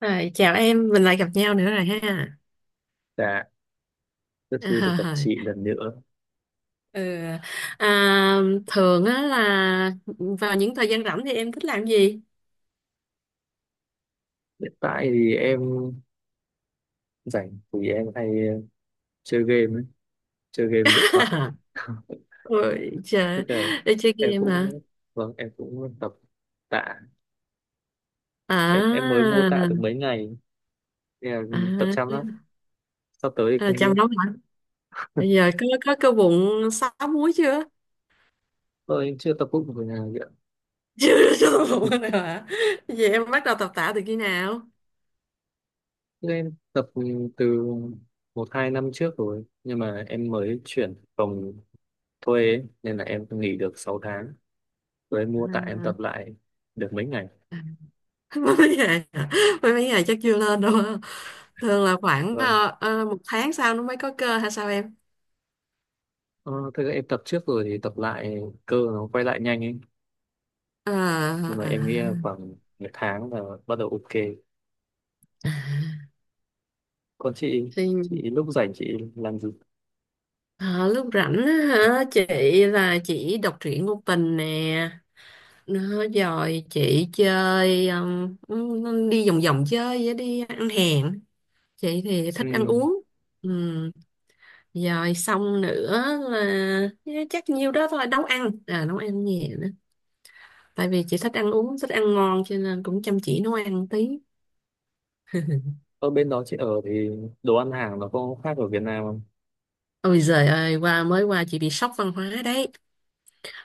Rồi, chào em, mình lại gặp nhau nữa rồi ha. Dạ, rất vui được gặp À, chị lần nữa. ừ. à, thường á là vào những thời gian rảnh thì em thích làm gì? Hiện tại thì em rảnh thì em hay chơi game, ấy, chơi game điện thoại. Ôi Tức trời, là đi chơi em game hả? cũng, vâng, em cũng tập tạ. Em mới mua tạ được À, mấy ngày, nên là tập chăm lắm. à, Sắp tới thì không chăm biết. nấu hả? Bây giờ có cơ bụng sáu múi chưa? Em chưa tập bụng của nhà vậy. Chưa, chưa có bụng nào hả? Vậy em bắt đầu tập tạ từ khi nào? Em tập từ 1-2 năm trước rồi, nhưng mà em mới chuyển phòng thuê ấy, nên là em nghỉ được 6 tháng. Rồi em mua tạ em À, tập lại được mấy ngày. à. Mới mấy ngày hả? Mấy mấy ngày chắc chưa lên đâu ha. Thường là khoảng Vâng. Một tháng sau nó mới có cơ hay sao em? Ờ, thực ra em tập trước rồi thì tập lại cơ nó quay lại nhanh ấy. Ờ, Nhưng mà em à, nghĩ là khoảng 1 tháng là bắt đầu ok. Còn chị thì lúc rảnh chị làm gì? ờ, lúc rảnh á hả, chị là chị đọc truyện ngôn tình nè, nó rồi chị chơi đi vòng vòng chơi với đi ăn hàng. Chị thì Ừ. thích ăn uống. Ừm, rồi xong nữa là chắc nhiêu đó thôi, nấu ăn à, nấu ăn nhẹ, tại vì chị thích ăn uống, thích ăn ngon cho nên cũng chăm chỉ nấu ăn tí. Ở bên đó chị ở thì đồ ăn hàng nó có khác ở Việt Nam không? Ôi giời ơi, qua mới qua chị bị sốc văn hóa đấy.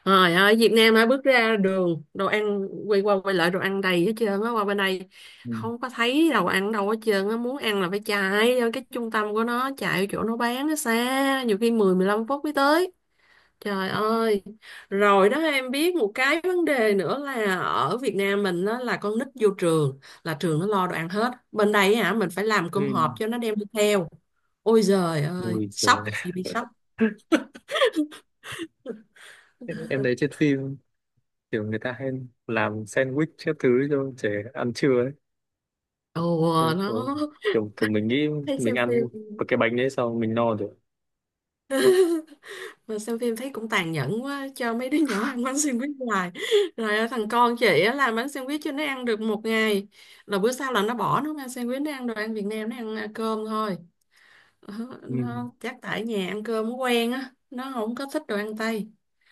Rồi ở Việt Nam hả, bước ra đường đồ ăn, quay qua quay lại đồ ăn đầy hết trơn á, qua bên đây Ừ. không có thấy đồ ăn đâu hết trơn á, muốn ăn là phải chạy vô cái trung tâm của nó, chạy vô chỗ nó bán, nó xa nhiều khi 10, 15 phút mới tới. Trời ơi, rồi đó em biết một cái vấn đề nữa là ở Việt Nam mình đó là con nít vô trường là trường nó lo đồ ăn hết. Bên đây hả, mình phải làm cơm Ừ. hộp cho nó đem đi theo. Ôi giời ơi, Ui sốc, giời. chị bị sốc. Em thấy trên phim kiểu người ta hay làm sandwich các thứ cho trẻ ăn trưa ấy. Em Ồ, nó cũng- kiểu mình nghĩ hay mình xem ăn phim. một cái bánh đấy xong mình no được. Mà xem phim thấy cũng tàn nhẫn quá, cho mấy đứa nhỏ ăn bánh sandwich hoài. Rồi ở, thằng con chị á, làm bánh sandwich cho nó ăn được một ngày. Rồi bữa sau là nó bỏ, nó không ăn sandwich, nó ăn đồ ăn Việt Nam, nó ăn à, cơm thôi. Ờ, Ừ. nó chắc tại nhà ăn cơm nó quen á, nó không có thích đồ ăn tây.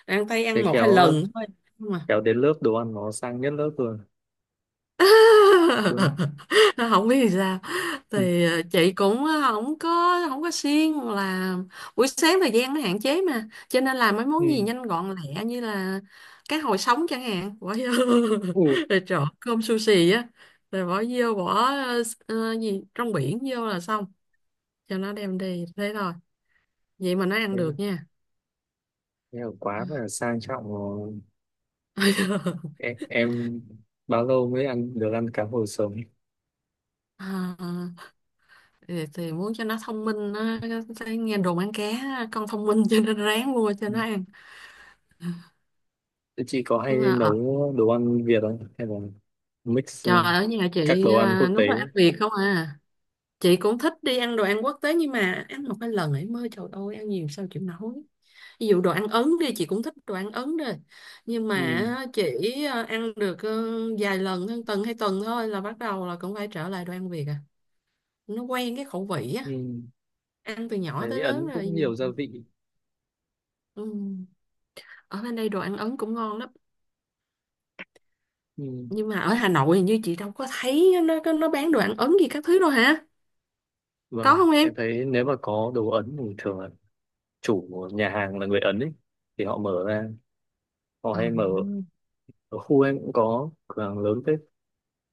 Đồ ăn tây Thế ăn một hai khéo lần thôi, nhưng mà khéo đến lớp đồ ăn nó sang nhất lớp rồi. Đúng. nó không biết thì sao, Ừ. thì chị cũng không có, không có siêng, là buổi sáng thời gian nó hạn chế mà, cho nên làm mấy Ừ. món gì nhanh gọn lẹ như là cá hồi sống chẳng hạn, bỏ vô Ừ. rồi trộn cơm sushi á, rồi bỏ vô bỏ gì trong biển vô là xong, cho nó đem đi thế thôi, vậy mà nó ăn Thế, được nha. thế là quá là sang trọng rồi. Em bao lâu mới ăn được ăn cá hồi sống? À, thì muốn cho nó thông minh, nó thấy nghe đồn ăn cá con thông minh cho nên ráng mua cho Ừ. nó ăn, Thế chị có nhưng hay mà nấu đồ ăn Việt không? Hay là mix trời, ở nhà các chị đồ ăn à, quốc tế? nấu đồ ăn Việt không à. Chị cũng thích đi ăn đồ ăn quốc tế, nhưng mà ăn một cái lần ấy mới trời ơi, ăn nhiều sao chịu nổi. Ví dụ đồ ăn Ấn đi, chị cũng thích đồ ăn Ấn đi, nhưng Ừ. mà chỉ ăn được vài lần hơn tuần hay tuần thôi là bắt đầu là cũng phải trở lại đồ ăn Việt à, nó quen cái khẩu vị á, Ừ. ăn từ nhỏ Thấy tới lớn Ấn cũng rồi. nhiều gia vị. Ừ, ở bên đây đồ ăn Ấn cũng ngon lắm, Ừ. nhưng mà ở Hà Nội hình như chị đâu có thấy nó, nó bán đồ ăn Ấn gì các thứ đâu hả, có Vâng, không em? em thấy nếu mà có đồ Ấn thì thường là chủ của nhà hàng là người Ấn ấy. Thì họ mở ra, họ À, hay mở ở khu em cũng có cửa hàng lớn thế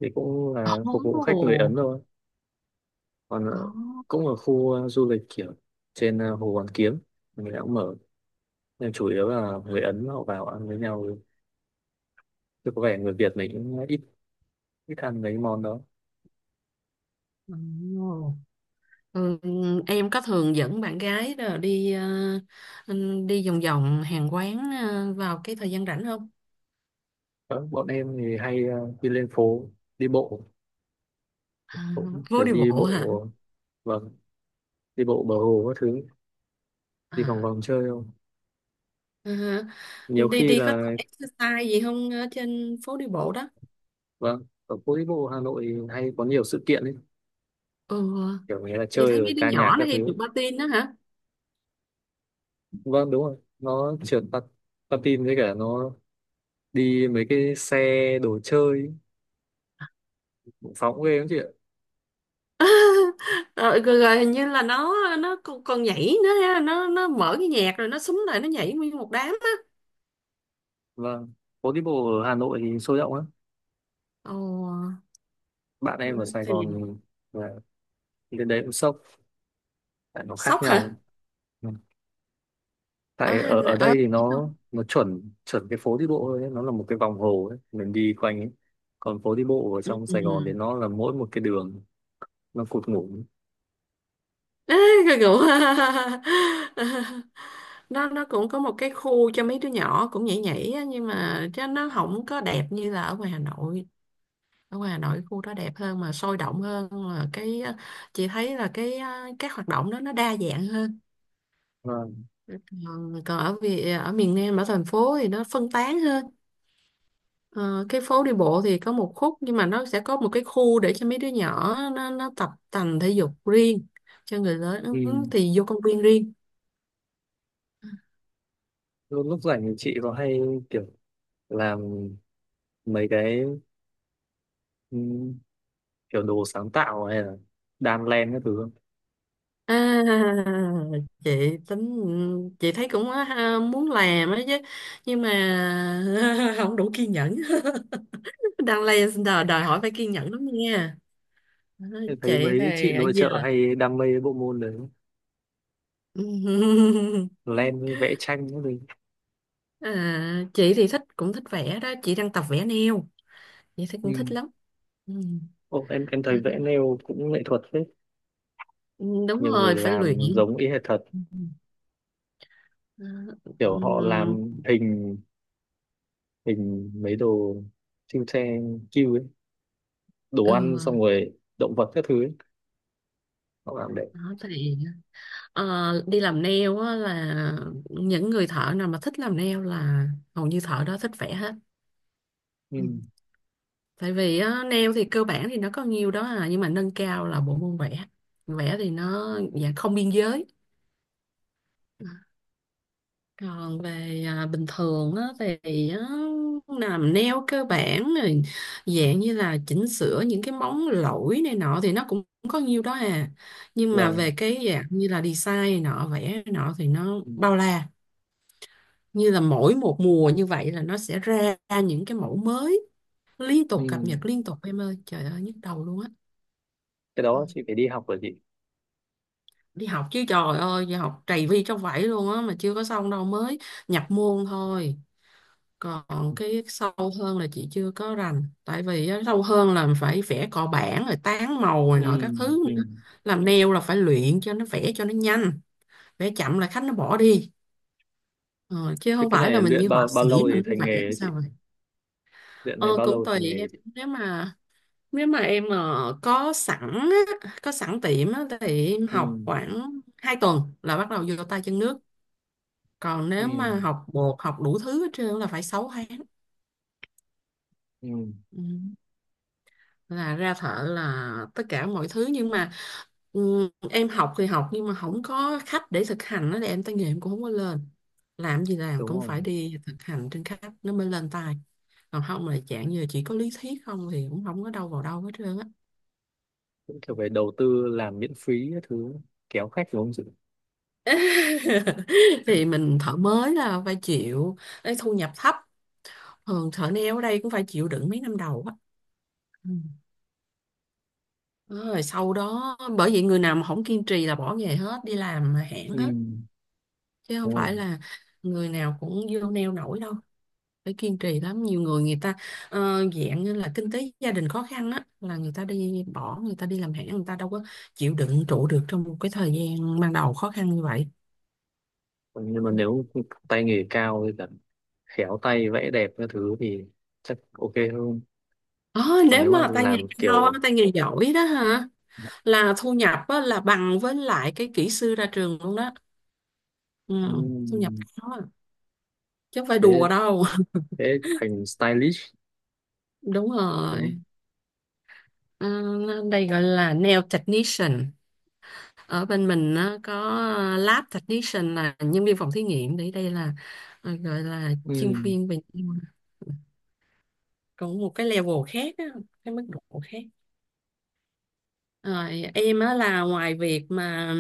thì cũng là phục vụ khách người ồ, Ấn thôi. Còn Ồ. Cũng ở khu du lịch kiểu trên Hồ Hoàn Kiếm mình ta cũng mở, nhưng chủ yếu là người Ấn họ vào ăn với nhau, chứ có vẻ người Việt mình cũng ít ít ăn mấy món đó. ồ. Ừ, em có thường dẫn bạn gái đó đi đi vòng vòng hàng quán vào cái thời gian rảnh không? Đó, bọn em thì hay đi lên phố đi bộ, À, cũng phố kiểu đi đi bộ hả? bộ. Vâng, đi bộ bờ hồ các thứ, đi vòng À, vòng chơi không, ờ, nhiều đi khi đi có tập là exercise gì không ở trên phố đi bộ đó? vâng ở phố đi bộ Hà Nội thì hay có nhiều sự kiện ấy, Ừ, kiểu người ta chị chơi thấy mấy rồi đứa ca nhạc nhỏ nó các hay được thứ. patin đó hả? Vâng, đúng rồi, nó trượt patin với cả nó đi mấy cái xe đồ chơi phóng ghê lắm chị ạ. Rồi, rồi, rồi, hình như là nó, nó còn nhảy nữa ha, nó mở cái nhạc rồi nó súng lại nó nhảy nguyên một đám á. Vâng, phố đi bộ ở Hà Nội thì sôi động lắm. Ồ Bạn ờ, em ở Sài thì Gòn là lên đấy cũng sốc, tại nó khác Sốc nhau. hả? Ừ. Ở Tại Hà ở Nội, ở ở ở đây thì đâu? nó chuẩn chuẩn cái phố đi bộ thôi ấy. Nó là một cái vòng hồ ấy. Mình đi quanh ấy. Còn phố đi bộ ở ừ. trong ừ. Sài Gòn thì ừ. nó là mỗi một cái đường, nó cụt ngủn. Ê, cái kiểu, nó cũng có một cái khu cho mấy đứa nhỏ cũng nhảy nhảy á, nhưng mà chứ nó không có đẹp như là ở ngoài Hà Nội. Ở ngoài Hà Nội khu đó đẹp hơn mà sôi động hơn, mà cái chị thấy là cái các hoạt động đó nó đa dạng hơn. Vâng. Còn ở, vì ở miền Nam, ở thành phố thì nó phân tán hơn. Ờ, cái phố đi bộ thì có một khúc, nhưng mà nó sẽ có một cái khu để cho mấy đứa nhỏ nó tập tành thể dục riêng, cho người Ừ. lớn thì vô công viên riêng. lúc lúc rảnh thì chị có hay kiểu làm mấy cái ừ, kiểu đồ sáng tạo hay là đan len các thứ không? À, chị tính, chị thấy cũng ha, muốn làm á chứ, nhưng mà không đủ kiên nhẫn. Đang lên đòi hỏi phải kiên nhẫn lắm nha. Ờ, Em thấy chị mấy chị thì ở nội giờ trợ hay đam mê bộ môn đấy, len vẽ tranh cái gì. à, chị thì thích, cũng thích vẽ đó, chị đang tập vẽ neo, chị thấy cũng thích nhưng lắm. Ừ, em à, thấy vẽ nail cũng nghệ thuật phết, đúng nhiều người rồi, phải luyện. làm giống y hệt thật, ừ. À, kiểu họ ừm, làm hình hình mấy đồ siêu xe kêu ấy, đồ ăn ừ. xong rồi động vật các thứ ấy. Họ làm đẹp. Đó, thì đi làm nail á là những người thợ nào mà thích làm nail là hầu như thợ đó thích vẽ hết. Ừ. Ừ, tại vì á, nail thì cơ bản thì nó có nhiều đó à, nhưng mà nâng cao là bộ môn vẽ. Vẽ thì nó dạng không biên giới. Còn về à, bình thường á, thì á, làm nail cơ bản rồi, dạng như là chỉnh sửa những cái móng lỗi này nọ thì nó cũng có nhiêu đó à, nhưng mà Vâng. về cái dạng như là design này nọ, vẽ này nọ thì nó Ừ. bao la. Như là mỗi một mùa như vậy là nó sẽ ra những cái mẫu mới, liên tục cập nhật Ừ. liên tục em ơi, trời ơi nhức đầu luôn á. Cái Ừ, đó chị phải đi học rồi chị. đi học chứ, trời ơi đi học trầy vi trong vải luôn á, mà chưa có xong đâu, mới nhập môn thôi. Còn cái sâu hơn là chị chưa có rành, tại vì á, sâu hơn là phải vẽ cọ bản rồi tán màu rồi nọ Ừ. các thứ Ừ. nữa. Làm nail là phải luyện cho nó vẽ cho nó nhanh, vẽ chậm là khách nó bỏ đi, ờ, chứ Thế không cái phải là này mình luyện như họa bao bao sĩ lâu thì mình cứ thành vẽ nghề làm ấy chị? sao vậy. Luyện Ờ, này bao cũng lâu tùy thành nghề em, chị? nếu mà, nếu mà em có sẵn á, có sẵn tiệm á, thì em Ừ. học khoảng 2 tuần là bắt đầu vô tay chân nước. Còn Ừ. nếu mà học bột học đủ thứ hết trơn là phải 6 tháng. Ừ. Ừ, là ra thợ là tất cả mọi thứ, nhưng mà ừ, em học thì học nhưng mà không có khách để thực hành đó thì em tay nghề em cũng không có lên. Làm gì làm Đúng cũng rồi. phải đi thực hành trên khách nó mới lên tay, còn không là dạng như là chỉ có lý thuyết không thì cũng không có đâu vào đâu hết trơn á. Cũng kiểu về đầu tư làm miễn phí các thứ kéo khách đúng không chị? Thì mình thợ mới là phải chịu cái thu nhập thấp, thường thợ nail ở đây cũng phải chịu đựng mấy năm đầu á. Ừ, rồi sau đó bởi vậy người nào mà không kiên trì là bỏ nghề hết, đi làm hãng Ừ, hết, chứ không đúng phải không? là người nào cũng vô neo nổi đâu, phải kiên trì lắm. Nhiều người, người ta dạng như là kinh tế gia đình khó khăn á là người ta đi bỏ, người ta đi làm hãng, người ta đâu có chịu đựng trụ được trong một cái thời gian ban đầu khó khăn như vậy. Nhưng mà nếu tay nghề cao với cả khéo tay vẽ đẹp các thứ thì chắc ok hơn. Ờ, Còn nếu nếu mà mà tay nghề làm cao á, kiểu tay nghề giỏi đó hả, là thu nhập á, là bằng với lại cái kỹ sư ra trường luôn đó. Ừ, ừ, thu nhập cao á, chứ không phải thế đùa đâu. thế thành stylish Đúng đúng không? rồi. Ờ, đây gọi là nail technician. Ở bên mình nó có lab technician là nhân viên phòng thí nghiệm, để đây là gọi là Ừ, chuyên viên về còn một cái level khác á, cái mức độ khác. Rồi em á, là ngoài việc mà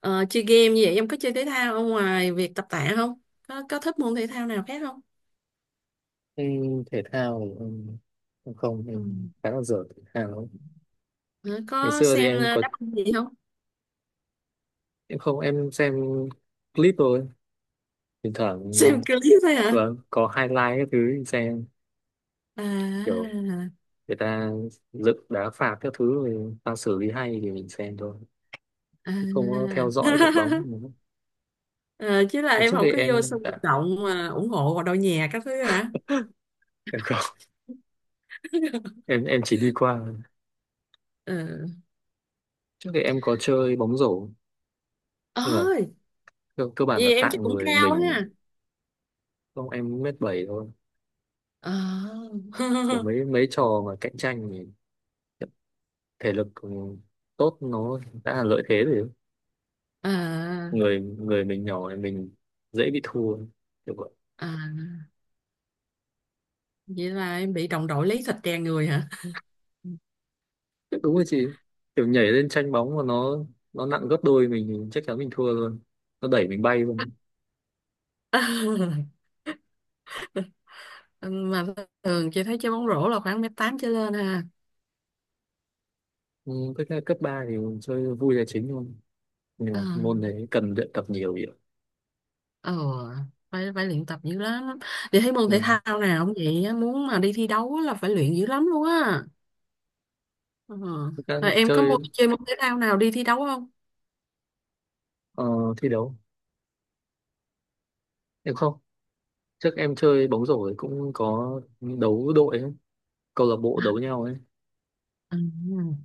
chơi game như vậy, em có chơi thể thao, ở ngoài việc tập tạ không, có có thích môn thể thao nào khác không? ừ, thể thao thì em không Ừ. em khá là dở thể thao. Ờ, Ngày có xưa thì xem em có đáp ứng gì không? em không em xem clip thôi. Thỉnh thoảng Xem clip thôi hả? vâng, có highlight các thứ thì xem, kiểu à, người ta dựng đá phạt các thứ người ta xử lý hay thì mình xem thôi, chứ không có theo à. dõi đội bóng. Ờ, chứ là em Trước không đây có vô em sân vận đã động mà ủng hộ vào đội nhà các thứ hả? em không em chỉ đi qua. Ờ. Trước đây em có chơi bóng rổ nhưng mà Ôi, cơ bản là vậy em tạng chắc cũng người cao mình. ha. Không, em 1m7 thôi. Ờ. Còn mấy mấy trò mà cạnh tranh thì thể lực tốt nó đã là lợi thế rồi, À, người người mình nhỏ thì mình dễ bị thua kiểu vậy. à, vậy là em bị đồng đội lấy thịt đè người hả? Đúng rồi chị, kiểu nhảy lên tranh bóng mà nó nặng gấp đôi mình thì chắc chắn mình thua luôn, nó đẩy mình bay luôn. Mà thường chị thấy chơi bóng rổ là khoảng 1m8 trở lên ha. Ừ, với cấp 3 thì chơi vui là chính thôi nhưng Ờ, mà môn đấy cần luyện tập nhiều vậy. ờ, phải phải luyện tập dữ lắm. Chị thấy môn thể Dạ. thao nào cũng vậy á, muốn mà đi thi đấu là phải luyện dữ lắm luôn á. Ờ. Thực Rồi em có chơi môn chơi môn thể thao nào đi thi đấu không? ờ, thi đấu em không, trước em chơi bóng rổ ấy cũng có đấu đội ấy, câu lạc bộ đấu nhau ấy. Ừ.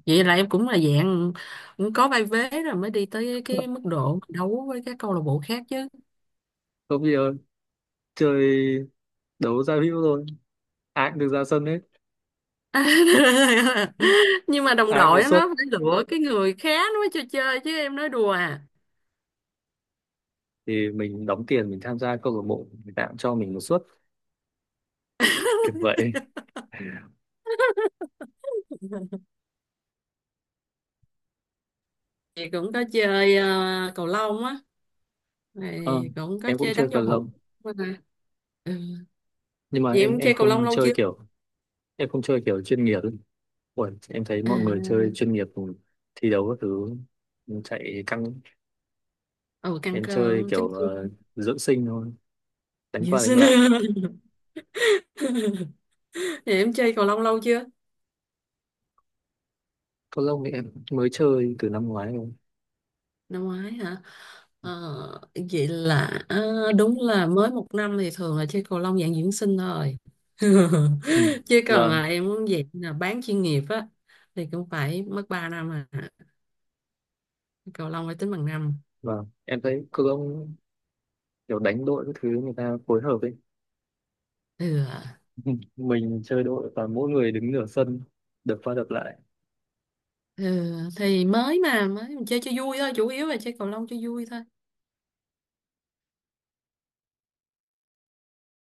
Vậy là em cũng là dạng cũng có vai vế rồi mới đi tới cái mức độ đấu với các câu lạc bộ khác chứ. Không bây giờ chơi đấu giao hữu thôi, ai cũng được ra sân hết, Nhưng mà đồng ai cũng có đội suất nó phải lựa cái người khác nó mới cho chơi chứ em, nói đùa à. thì mình đóng tiền mình tham gia câu lạc bộ người ta cũng cho mình một suất kiểu vậy. Chị cũng có chơi cầu lông á, Ờ, này cũng có em cũng chơi chơi đánh giao cầu hữu. lông Ừ, nhưng mà vậy em em em chơi cầu lông không lâu chơi chưa? kiểu chuyên nghiệp ấy. Ủa, em thấy mọi người chơi À, chuyên nghiệp thì thi đấu các thứ chạy căng. ừ, căng Em cơ chơi kiểu chấn thương. Dưỡng sinh thôi, đánh qua Yes. đánh lại. Vậy em chơi cầu lông lâu chưa? Cầu lông thì em mới chơi từ năm ngoái thôi. Năm ngoái hả? Ờ, vậy là à, đúng là mới một năm thì thường là chơi cầu lông dạng dưỡng sinh thôi. Ừ. Chứ còn Vâng, là em muốn dạng là bán chuyên nghiệp á thì cũng phải mất 3 năm à, cầu lông phải tính bằng năm. vâng, em thấy cầu lông kiểu đánh đội các thứ người ta phối hợp ấy. ừ. Mình chơi đội và mỗi người đứng nửa sân đập qua đập lại ừ. Thì mới mình chơi cho vui thôi, chủ yếu là chơi cầu lông cho vui thôi.